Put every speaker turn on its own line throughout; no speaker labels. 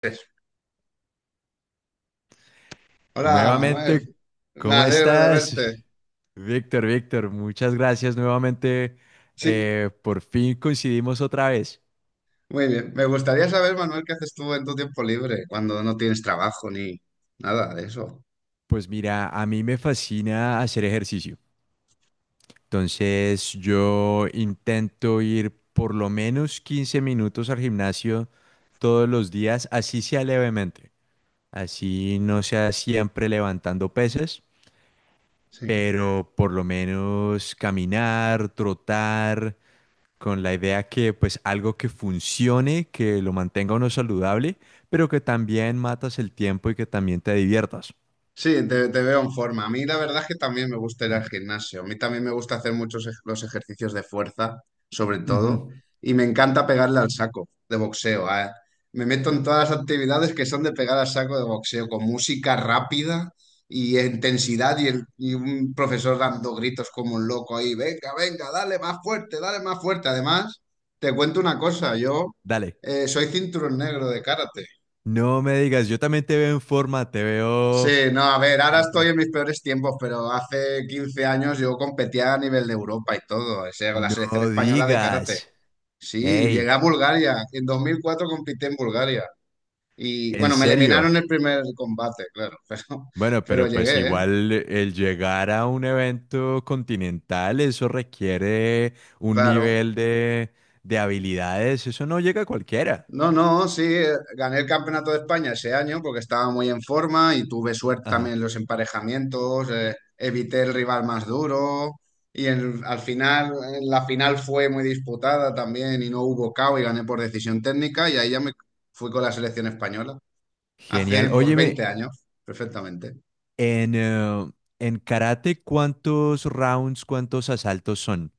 Pues, hola, Manuel.
Nuevamente,
Me
¿cómo
alegro de
estás?
verte.
Víctor, Víctor, muchas gracias nuevamente.
Sí,
Por fin coincidimos otra vez.
muy bien. Me gustaría saber, Manuel, qué haces tú en tu tiempo libre cuando no tienes trabajo ni nada de eso.
Pues mira, a mí me fascina hacer ejercicio. Entonces yo intento ir por lo menos 15 minutos al gimnasio todos los días, así sea levemente. Así no sea siempre levantando pesas,
Sí.
pero por lo menos caminar, trotar, con la idea que pues algo que funcione, que lo mantenga uno saludable, pero que también matas el tiempo y que también te diviertas.
Sí, te veo en forma. A mí la verdad es que también me gusta ir al
Es-
gimnasio. A mí también me gusta hacer los ejercicios de fuerza, sobre
Ujú.
todo, y me encanta pegarle al saco de boxeo. Me meto en todas las actividades que son de pegar al saco de boxeo, con música rápida y intensidad y un profesor dando gritos como un loco ahí, venga, venga, dale más fuerte, dale más fuerte. Además, te cuento una cosa, yo
Dale,
soy cinturón negro de karate.
no me digas, yo también te veo en forma, te veo...
Sí, no, a ver, ahora estoy en
Entonces,
mis peores tiempos, pero hace 15 años yo competía a nivel de Europa y todo, o sea, con la selección
no
española de karate.
digas,
Sí, llegué
hey,
a Bulgaria, en 2004 competí en Bulgaria y
en
bueno, me
serio.
eliminaron el primer combate, claro,
Bueno,
pero
pero pues
llegué, ¿eh?
igual el llegar a un evento continental, eso requiere un
Claro.
nivel de habilidades, eso no llega a cualquiera.
No, no, sí, gané el Campeonato de España ese año porque estaba muy en forma y tuve suerte
Ajá.
también en los emparejamientos, evité el rival más duro y al final, en la final fue muy disputada también y no hubo KO y gané por decisión técnica y ahí ya me fui con la selección española
Genial.
hace pues
Óyeme,
20 años, perfectamente.
En, eh, en karate, ¿cuántos rounds, cuántos asaltos son?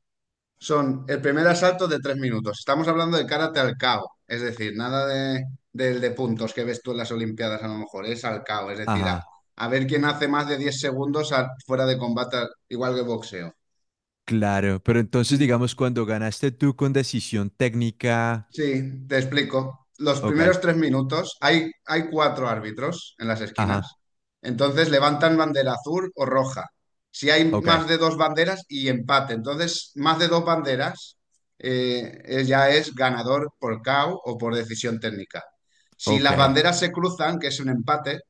Son el primer asalto de 3 minutos. Estamos hablando de karate al cao, es decir, nada de, del de puntos que ves tú en las Olimpiadas a lo mejor, es al cao, es decir,
Ajá,
a ver quién hace más de 10 segundos fuera de combate, igual que boxeo.
claro. Pero entonces, digamos, cuando ganaste tú con decisión técnica.
Sí, te explico. Los
Ok,
primeros 3 minutos hay cuatro árbitros en las
ajá,
esquinas. Entonces levantan bandera azul o roja. Si hay
ok,
más de dos banderas y empate. Entonces, más de dos banderas ya es ganador por KO o por decisión técnica. Si
ok,
las banderas se cruzan, que es un empate,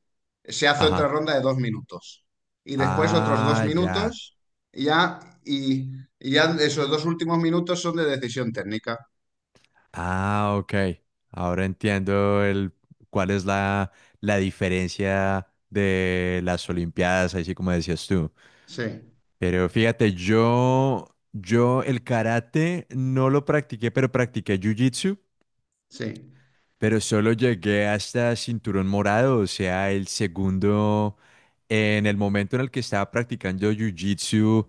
se hace otra
ajá.
ronda de 2 minutos. Y después otros dos
Ah, ya.
minutos y ya, y, y ya esos dos últimos minutos son de decisión técnica.
Ah, ok. Ahora entiendo el cuál es la, la diferencia de las Olimpiadas, así como decías tú.
Sí.
Pero fíjate, yo el karate no lo practiqué, pero practiqué jiu-jitsu.
Sí,
Pero solo llegué hasta cinturón morado, o sea, el segundo. En el momento en el que estaba practicando jiu-jitsu,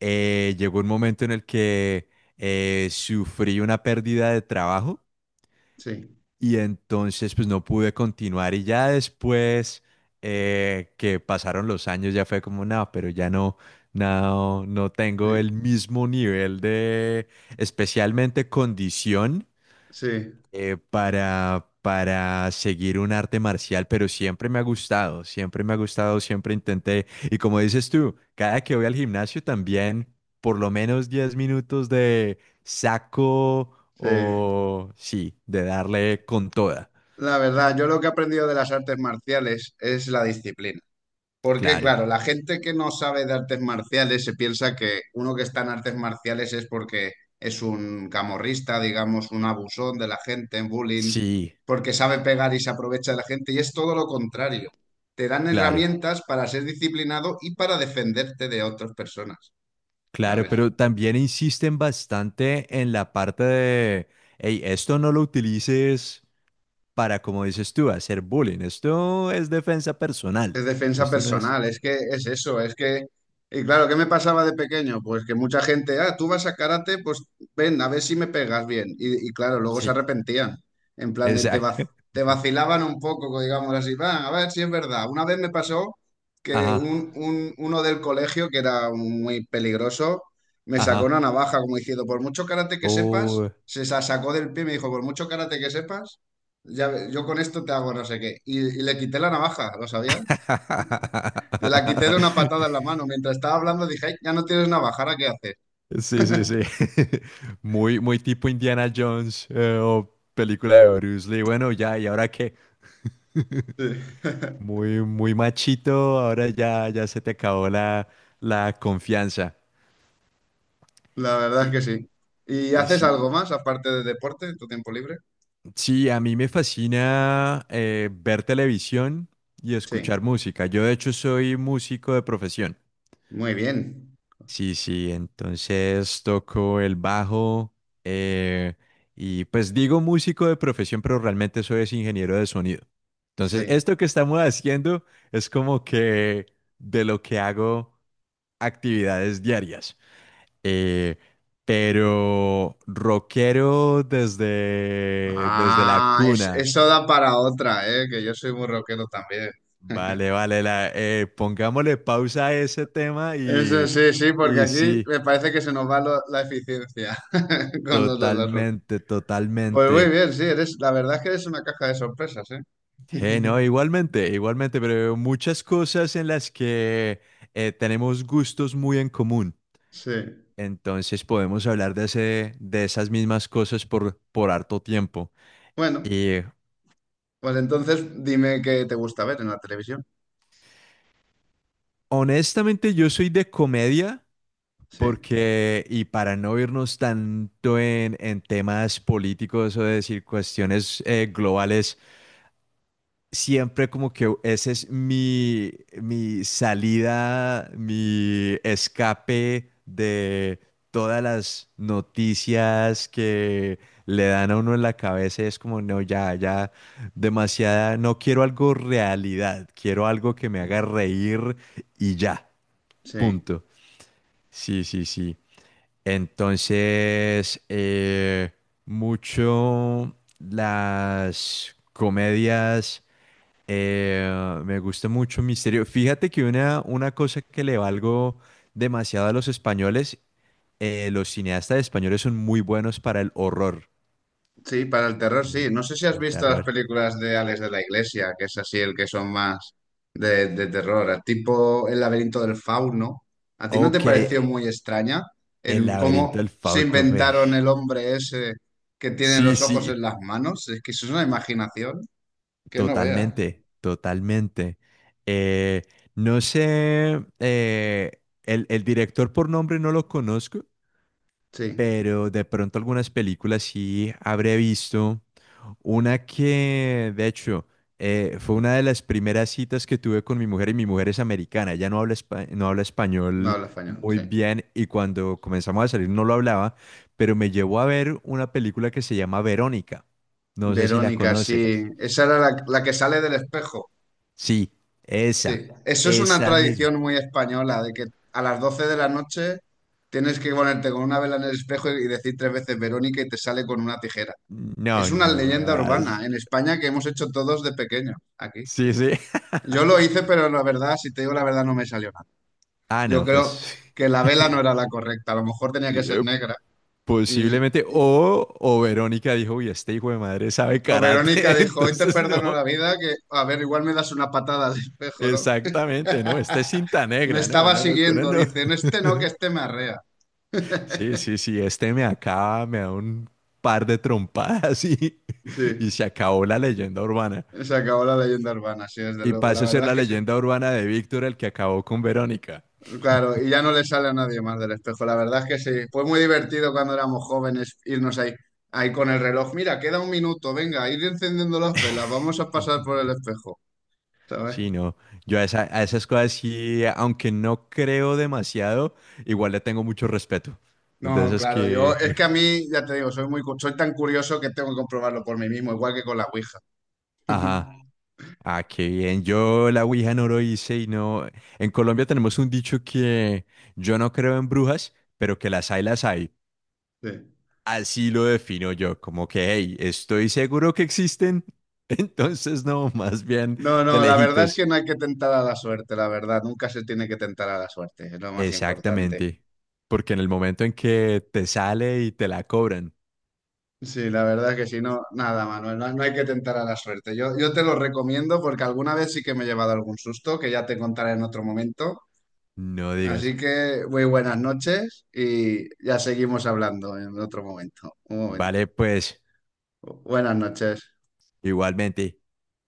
llegó un momento en el que sufrí una pérdida de trabajo
sí,
y entonces pues no pude continuar, y ya después, que pasaron los años, ya fue como, no, pero ya no, no tengo el
sí,
mismo nivel de, especialmente condición,
sí,
para seguir un arte marcial, pero siempre me ha gustado, siempre me ha gustado, siempre intenté. Y como dices tú, cada que voy al gimnasio también, por lo menos 10 minutos de saco,
sí.
o sí, de darle con toda.
La verdad, yo lo que he aprendido de las artes marciales es la disciplina. Porque,
Claro,
claro, la gente que no sabe de artes marciales se piensa que uno que está en artes marciales es porque es un camorrista, digamos, un abusón de la gente, un bullying,
sí,
porque sabe pegar y se aprovecha de la gente. Y es todo lo contrario. Te dan
claro,
herramientas para ser disciplinado y para defenderte de otras personas,
claro,
¿sabes?
pero también insisten bastante en la parte de, hey, esto no lo utilices para, como dices tú, hacer bullying. Esto es defensa
Es
personal.
defensa
Esto no es...
personal, es que es eso, es que... Y claro, ¿qué me pasaba de pequeño? Pues que mucha gente, ah, tú vas a karate, pues ven, a ver si me pegas bien. Y claro, luego se
Sí,
arrepentían, en plan de
exacto.
te vacilaban un poco, digamos así, va, a ver si es verdad. Una vez me pasó que
Ajá,
uno del colegio, que era muy peligroso, me sacó
ajá.
una navaja como diciendo, por mucho karate que sepas,
Oh.
sacó del pie y me dijo, por mucho karate que sepas, ya, yo con esto te hago no sé qué. Y le quité la navaja, ¿lo sabías? Te la quité de una patada en la mano. Mientras estaba hablando dije, "Ay, ya no tienes navajara, ¿qué haces?
Sí, sí, sí. Muy, muy tipo Indiana Jones, o película de Bruce Lee. Bueno, ya, ¿y ahora qué?
Sí,
Muy, muy machito, ahora ya, ya se te acabó la, la confianza.
la verdad
Sí.
es que sí. ¿Y haces
Sí,
algo más aparte de deporte en tu tiempo libre?
sí, a mí me fascina ver televisión y escuchar
Sí,
música. Yo de hecho soy músico de profesión.
muy bien.
Sí, sí, entonces toco el bajo, eh, y pues digo músico de profesión, pero realmente soy es ingeniero de sonido. Entonces,
Sí.
esto que estamos haciendo es como que de lo que hago actividades diarias. Eh, pero rockero desde, desde la
Ah,
cuna.
eso da para otra, ¿eh? Que yo soy muy rockero también.
Vale, vale, la, pongámosle pausa a ese tema
Eso sí, sí, porque
y
aquí
sí,
me parece que se nos va la eficiencia con los de la rock.
totalmente,
Pues muy
totalmente.
bien, sí, eres, la verdad es que eres una caja de sorpresas, ¿eh?
No, igualmente, igualmente, pero muchas cosas en las que tenemos gustos muy en común.
Sí.
Entonces podemos hablar de ese, de esas mismas cosas por harto tiempo.
Bueno.
Y
Pues entonces dime qué te gusta ver en la televisión.
honestamente yo soy de comedia
Sí,
porque, y para no irnos tanto en temas políticos o decir cuestiones globales, siempre como que ese es mi, mi salida, mi escape de todas las noticias que le dan a uno en la cabeza. Es como, no, ya, ya, demasiada, no quiero algo realidad, quiero algo que me haga
sí,
reír y ya,
sí,
punto. Sí, sí, sí. Entonces, mucho las comedias, me gusta mucho misterio. Fíjate que una cosa que le valgo demasiado a los españoles, los cineastas españoles son muy buenos para el horror,
sí, para el terror sí.
el,
No sé si has
el
visto las
terror.
películas de Alex de la Iglesia, que es así el que son más de terror, tipo El laberinto del fauno. ¿A ti no te
Ok,
pareció muy extraña
El
el
laberinto del
cómo se
Fausto, güey.
inventaron el hombre ese que tiene
Sí,
los ojos
sí,
en las manos? Es que eso es una imaginación que no veas.
totalmente, totalmente. Eh, no sé, el director por nombre no lo conozco,
Sí,
pero de pronto algunas películas sí habré visto. Una que, de hecho, fue una de las primeras citas que tuve con mi mujer, y mi mujer es americana. Ella no habla, no habla
no
español
habla español,
muy
sí.
bien, y cuando comenzamos a salir no lo hablaba, pero me llevó a ver una película que se llama Verónica. No sé si la
Verónica,
conoces.
sí. Esa era la que sale del espejo.
Sí, esa,
Sí, eso es una
esa misma.
tradición muy española, de que a las 12 de la noche tienes que ponerte con una vela en el espejo y decir 3 veces Verónica y te sale con una tijera.
No,
Es una
no.
leyenda
as-
urbana en España que hemos hecho todos de pequeño aquí.
Sí, sí.
Yo lo hice, pero la verdad, si te digo la verdad, no me salió nada.
Ah,
Yo
no, pues
creo que la vela no era la correcta, a lo mejor tenía que ser
eh,
negra. Y
posiblemente. O Verónica dijo, uy, este hijo de madre sabe
o Verónica
karate,
dijo, hoy te
entonces
perdono
no.
la vida, que a ver, igual me das una patada al espejo, ¿no?
Exactamente, ¿no? Este es cinta
Me
negra, no,
estaba
no, no, Conan
siguiendo,
no.
dicen, este no, que este me arrea.
Sí, sí, sí, este me acaba, me da un par de trompadas y
Sí,
se acabó la leyenda urbana.
se acabó la leyenda urbana, sí, desde
Y
luego. La
pasa a ser
verdad es
la
que sí.
leyenda urbana de Víctor, el que acabó con Verónica.
Claro, y ya no le sale a nadie más del espejo. La verdad es que sí. Fue muy divertido cuando éramos jóvenes irnos ahí, ahí con el reloj. Mira, queda un minuto, venga, ir encendiendo las velas, vamos a pasar por el espejo, ¿sabes?
Sí, no, yo a, a esas cosas sí, aunque no creo demasiado, igual le tengo mucho respeto. Entonces
No,
es
claro, yo
que,
es que a mí, ya te digo, soy muy, soy tan curioso que tengo que comprobarlo por mí mismo, igual que con la Ouija.
ajá. Ah, qué bien. Yo la Ouija no lo hice y no. En Colombia tenemos un dicho que yo no creo en brujas, pero que las hay, las hay.
Sí.
Así lo defino yo, como que, hey, estoy seguro que existen. Entonces, no, más bien
No,
de
no, la verdad es
lejitos.
que no hay que tentar a la suerte, la verdad. Nunca se tiene que tentar a la suerte, es lo más importante.
Exactamente. Porque en el momento en que te sale y te la cobran,
Sí, la verdad es que si no, nada, Manuel, no, no hay que tentar a la suerte. Yo te lo recomiendo porque alguna vez sí que me he llevado algún susto, que ya te contaré en otro momento.
no digas,
Así que muy buenas noches y ya seguimos hablando en otro momento. Un momento.
vale, pues,
Buenas noches.
igualmente.